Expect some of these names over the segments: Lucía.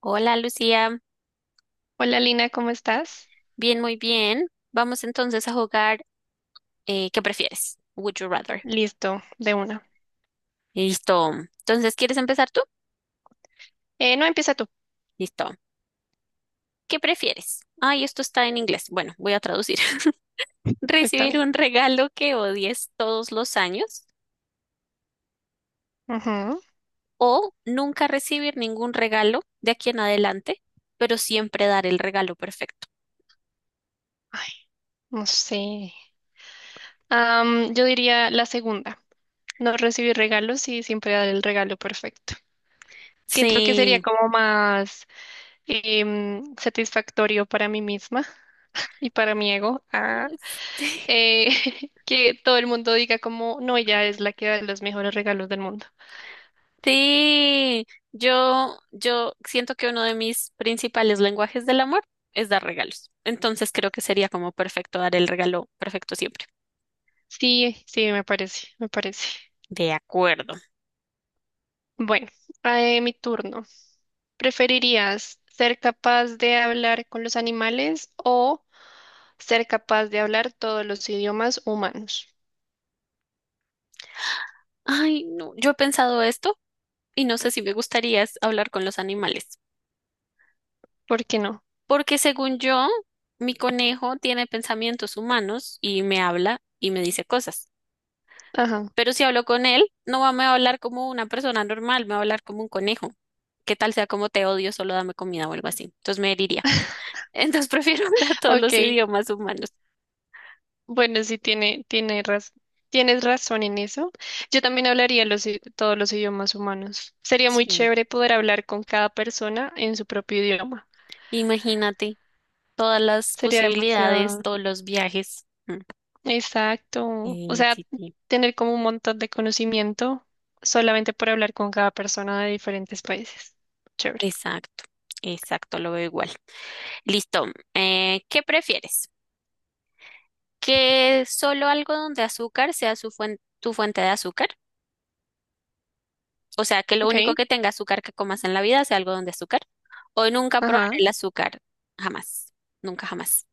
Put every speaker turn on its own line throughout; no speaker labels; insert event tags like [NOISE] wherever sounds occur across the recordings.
Hola Lucía,
Hola Lina, ¿cómo estás?
bien, muy bien. Vamos entonces a jugar, ¿qué prefieres? Would you rather.
Listo, de una.
Listo. Entonces, ¿quieres empezar tú?
No, empieza tú.
Listo. ¿Qué prefieres? Ay, esto está en inglés. Bueno, voy a traducir. [LAUGHS]
Está
¿Recibir
bien.
un regalo que odies todos los años
Ujú.
o nunca recibir ningún regalo de aquí en adelante, pero siempre dar el regalo perfecto?
Ay, no sé. Yo diría la segunda. No recibir regalos y siempre dar el regalo perfecto. Siento que
Sí.
sería como más satisfactorio para mí misma y para mi ego
[LAUGHS]
eh, [LAUGHS] que todo el mundo diga como, no, ella es la que da los mejores regalos del mundo.
Sí, yo siento que uno de mis principales lenguajes del amor es dar regalos. Entonces creo que sería como perfecto dar el regalo perfecto siempre.
Sí, sí, me parece, me parece.
De acuerdo.
Bueno, mi turno. ¿Preferirías ser capaz de hablar con los animales o ser capaz de hablar todos los idiomas humanos?
Ay, no, yo he pensado esto y no sé si me gustaría es hablar con los animales,
¿Por qué no?
porque según yo, mi conejo tiene pensamientos humanos y me habla y me dice cosas.
Ajá.
Pero si hablo con él, no va- me va a hablar como una persona normal, me va a hablar como un conejo. ¿Qué tal sea como te odio, solo dame comida o algo así? Entonces me heriría. Entonces prefiero [LAUGHS] hablar todos
Ok,
los idiomas humanos.
bueno, tiene raz- tienes razón en eso. Yo también hablaría todos los idiomas humanos. Sería muy
Mm.
chévere poder hablar con cada persona en su propio idioma.
Imagínate todas las
Sería
posibilidades,
demasiado.
todos los viajes. Mm.
Exacto. O
Sí,
sea,
sí, sí.
tener como un montón de conocimiento solamente por hablar con cada persona de diferentes países. Chévere.
Exacto, exacto, lo veo igual. Listo. ¿Qué prefieres? ¿Que solo algodón de azúcar sea tu fuente de azúcar? O sea, que lo
Ok,
único que tenga azúcar que comas en la vida sea algodón de azúcar. ¿O nunca probar
ajá.
el azúcar? Jamás. Nunca jamás.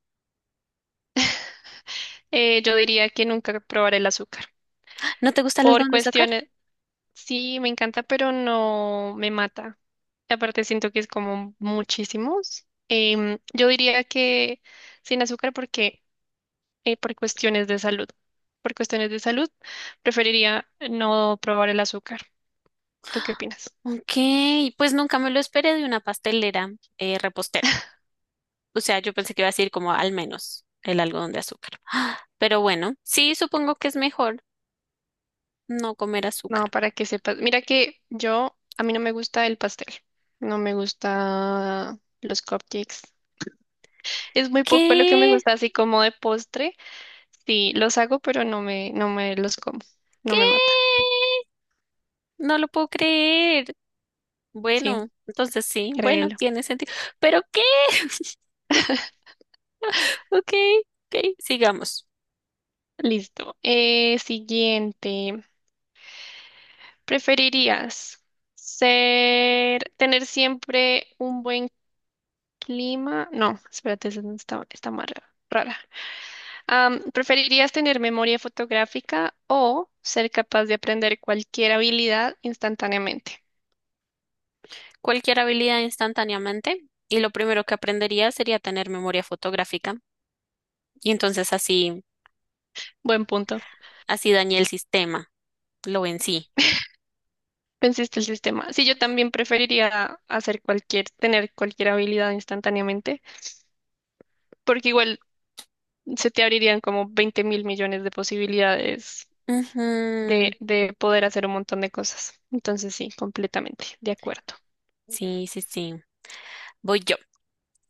Yo diría que nunca probaré el azúcar.
¿No te gusta el
Por
algodón de azúcar?
cuestiones, sí, me encanta, pero no me mata. Y aparte siento que es como muchísimos. Yo diría que sin azúcar porque por cuestiones de salud. Por cuestiones de salud, preferiría no probar el azúcar. ¿Tú qué opinas?
Ok, pues nunca me lo esperé de una pastelera, repostera. O sea, yo pensé que iba a decir como al menos el algodón de azúcar. Ah, pero bueno, sí, supongo que es mejor no comer
No,
azúcar.
para que sepas. Mira que yo, a mí no me gusta el pastel. No me gusta los cupcakes. Es muy poco lo que me
¿Qué?
gusta, así como de postre. Sí, los hago, pero no me los como. No me matan.
¿Qué? No lo puedo creer.
Sí,
Bueno, entonces sí, bueno,
créelo.
tiene sentido. ¿Pero qué? [LAUGHS] No, ok, ok, sigamos.
Listo. Siguiente. ¿Preferirías tener siempre un buen clima? No, espérate, esa no está, está más rara. ¿Preferirías tener memoria fotográfica o ser capaz de aprender cualquier habilidad instantáneamente?
Cualquier habilidad instantáneamente y lo primero que aprendería sería tener memoria fotográfica y entonces así,
Buen punto.
así dañé el sistema. Lo vencí.
Venciste el sistema. Sí, yo también preferiría tener cualquier habilidad instantáneamente, porque igual se te abrirían como 20 mil millones de posibilidades
Ujú.
de poder hacer un montón de cosas. Entonces sí, completamente, de acuerdo.
Sí, sí, sí. Voy yo.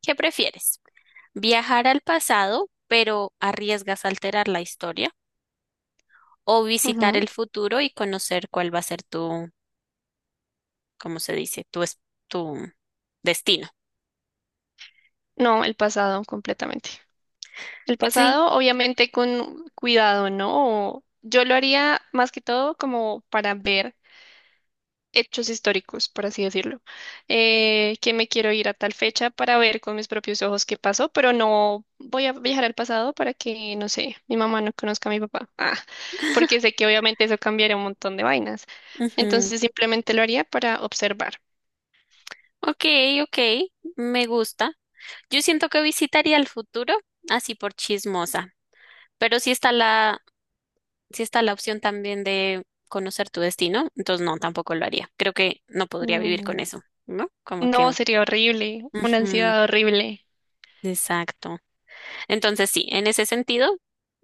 ¿Qué prefieres? ¿Viajar al pasado, pero arriesgas a alterar la historia? ¿O visitar
Ujú.
el futuro y conocer cuál va a ser tu, cómo se dice, tu, tu destino?
No, el pasado, completamente. El
Sí.
pasado, obviamente, con cuidado, ¿no? Yo lo haría más que todo como para ver hechos históricos, por así decirlo, que me quiero ir a tal fecha para ver con mis propios ojos qué pasó, pero no voy a viajar al pasado para que, no sé, mi mamá no conozca a mi papá, porque sé que obviamente eso cambiaría un montón de vainas.
Ujú.
Entonces simplemente lo haría para observar.
Ok, ok. Me gusta. Yo siento que visitaría el futuro así por chismosa. Pero si está la sí está la opción también de conocer tu destino, entonces no, tampoco lo haría. Creo que no podría vivir con
Mm.
eso, ¿no? Como
No,
que...
sería horrible, una
ujú,
ansiedad horrible.
exacto. Entonces sí, en ese sentido,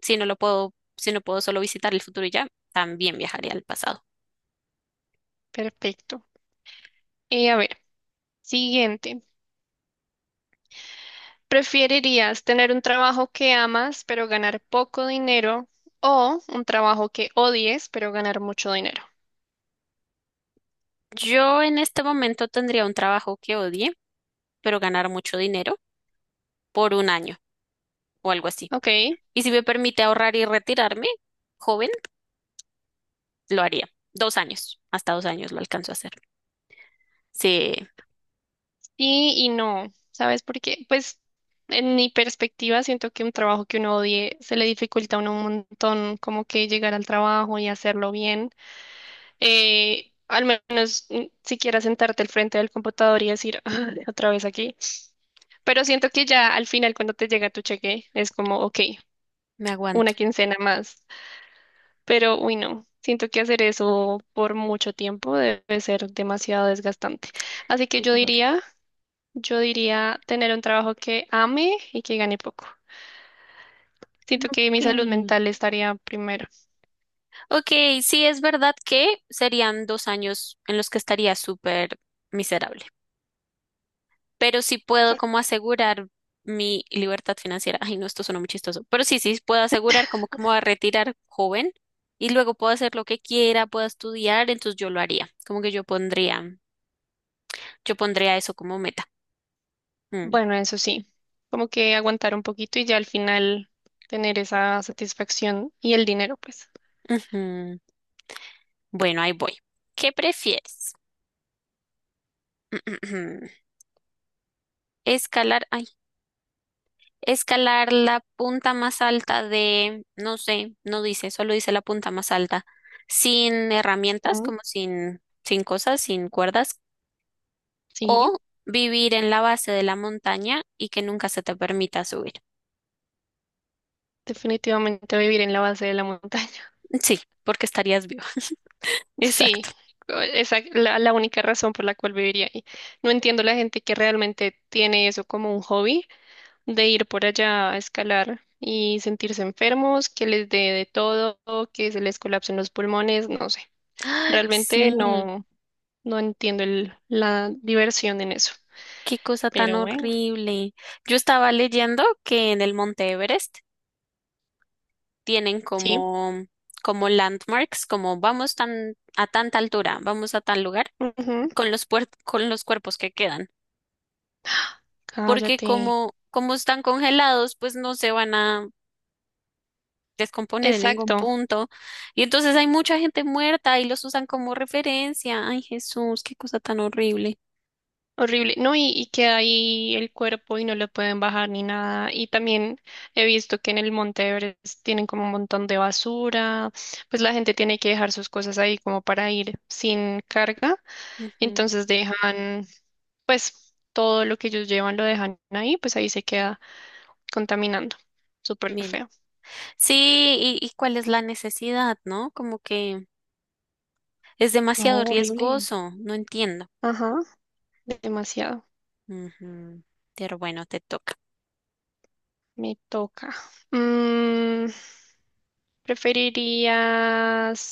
si no puedo solo visitar el futuro y ya, también viajaría al pasado.
Perfecto. Y a ver, siguiente. ¿Preferirías tener un trabajo que amas pero ganar poco dinero o un trabajo que odies pero ganar mucho dinero?
Yo en este momento tendría un trabajo que odie, pero ganar mucho dinero por un año o algo así.
Ok, sí
Y si me permite ahorrar y retirarme, joven, lo haría. Dos años, hasta dos años lo alcanzo a hacer. Sí,
y no. ¿Sabes por qué? Pues en mi perspectiva siento que un trabajo que uno odie se le dificulta a uno un montón como que llegar al trabajo y hacerlo bien. Al menos siquiera sentarte al frente del computador y decir "Ah, otra vez aquí. Pero siento que ya al final cuando te llega tu cheque es como, ok,
me
una
aguanto.
quincena más. Pero, uy, no, siento que hacer eso por mucho tiempo debe ser demasiado desgastante. Así que
Desde el otro.
yo diría tener un trabajo que ame y que gane poco. Siento que
Ok,
mi salud mental estaría primero.
ok, sí es verdad que serían dos años en los que estaría súper miserable, pero sí puedo como asegurar mi libertad financiera. Ay, no, esto suena muy chistoso, pero sí, sí puedo asegurar como que me voy a retirar joven y luego puedo hacer lo que quiera, puedo estudiar, entonces yo lo haría, como que yo pondría eso como meta. Mm,
Bueno, eso sí, como que aguantar un poquito y ya al final tener esa satisfacción y el dinero, pues.
ujú. Bueno, ahí voy. ¿Qué prefieres? [CLEARS THROAT] Escalar, ay, escalar la punta más alta de, no sé, no dice, solo dice la punta más alta, sin herramientas,
Mm,
como sin, sin cosas, sin cuerdas,
sí,
o vivir en la base de la montaña y que nunca se te permita subir.
definitivamente vivir en la base de la montaña.
[LAUGHS] Sí, porque estarías vivo. [LAUGHS]
Sí,
Exacto.
esa es la única razón por la cual viviría ahí. No entiendo la gente que realmente tiene eso como un hobby, de ir por allá a escalar y sentirse enfermos, que les dé de todo, que se les colapsen los pulmones, no sé.
Ay,
Realmente
sí,
no entiendo la diversión en eso.
qué cosa tan
Pero bueno,
horrible. Yo estaba leyendo que en el Monte Everest tienen
sí.
como, como landmarks, como vamos tan, a tanta altura, vamos a tal lugar,
Ujú,
con los, con los cuerpos que quedan. Porque
cállate.
como, como están congelados, pues no se van a descomponer en ningún
Exacto.
punto. Y entonces hay mucha gente muerta y los usan como referencia. Ay, Jesús, qué cosa tan horrible.
Horrible, ¿no? Y queda ahí el cuerpo y no lo pueden bajar ni nada. Y también he visto que en el Monte Everest tienen como un montón de basura, pues la gente tiene que dejar sus cosas ahí como para ir sin carga.
Ujú,
Entonces dejan, pues todo lo que ellos llevan lo dejan ahí, pues ahí se queda contaminando. Súper
mira.
feo.
Sí, y cuál es la necesidad, ¿no? Como que es
No,
demasiado
horrible.
riesgoso, no entiendo.
Ajá, demasiado.
Ujú, pero bueno, te toca.
Me toca. Mm, ¿preferirías...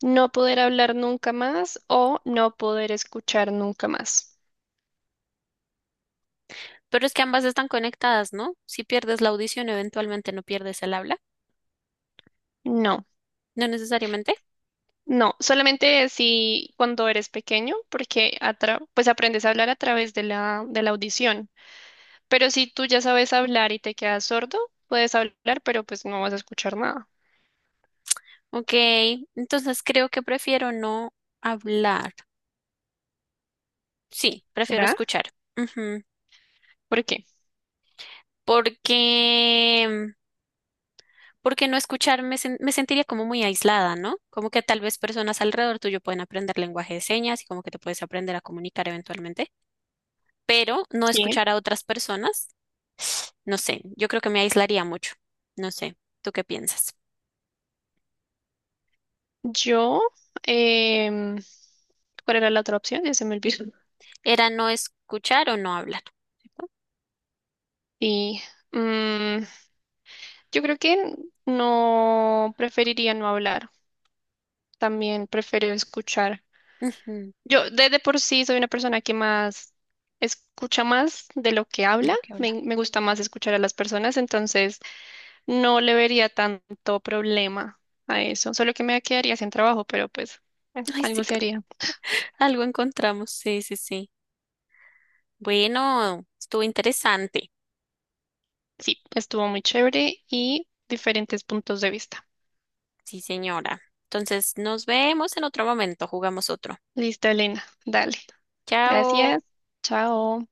no poder hablar nunca más o no poder escuchar nunca más?
Pero es que ambas están conectadas, ¿no? Si pierdes la audición, eventualmente no pierdes el habla.
No,
No necesariamente.
no, solamente si cuando eres pequeño, porque pues aprendes a hablar a través de de la audición. Pero si tú ya sabes hablar y te quedas sordo, puedes hablar, pero pues no vas a escuchar nada.
Ok, entonces creo que prefiero no hablar. Sí, prefiero
¿Será?
escuchar. Ujú.
¿Por qué?
Porque, porque no escuchar me sentiría como muy aislada, ¿no? Como que tal vez personas alrededor tuyo pueden aprender lenguaje de señas y como que te puedes aprender a comunicar eventualmente, pero no
Sí.
escuchar a otras personas, no sé, yo creo que me aislaría mucho, no sé, ¿tú qué piensas?
Yo, em, ¿cuál era la otra opción? Ya se me olvidó.
Era no escuchar o no hablar, ¿cierto?
Y mm, yo creo que no preferiría no hablar. También prefiero escuchar.
Ujú,
Yo de por sí soy una persona que más escucha más de lo que
de
habla.
lo que habla.
Me gusta más escuchar a las personas, entonces no le vería tanto problema a eso. Solo que me quedaría sin trabajo, pero pues
Ay,
algo
sí,
se haría.
[LAUGHS] algo encontramos, sí, sí, sí. Bueno, estuvo interesante.
Sí, estuvo muy chévere y diferentes puntos de vista.
Sí, señora. Entonces, nos vemos en otro momento. Jugamos otro.
Listo, Elena. Dale.
Chao.
Gracias. Chao.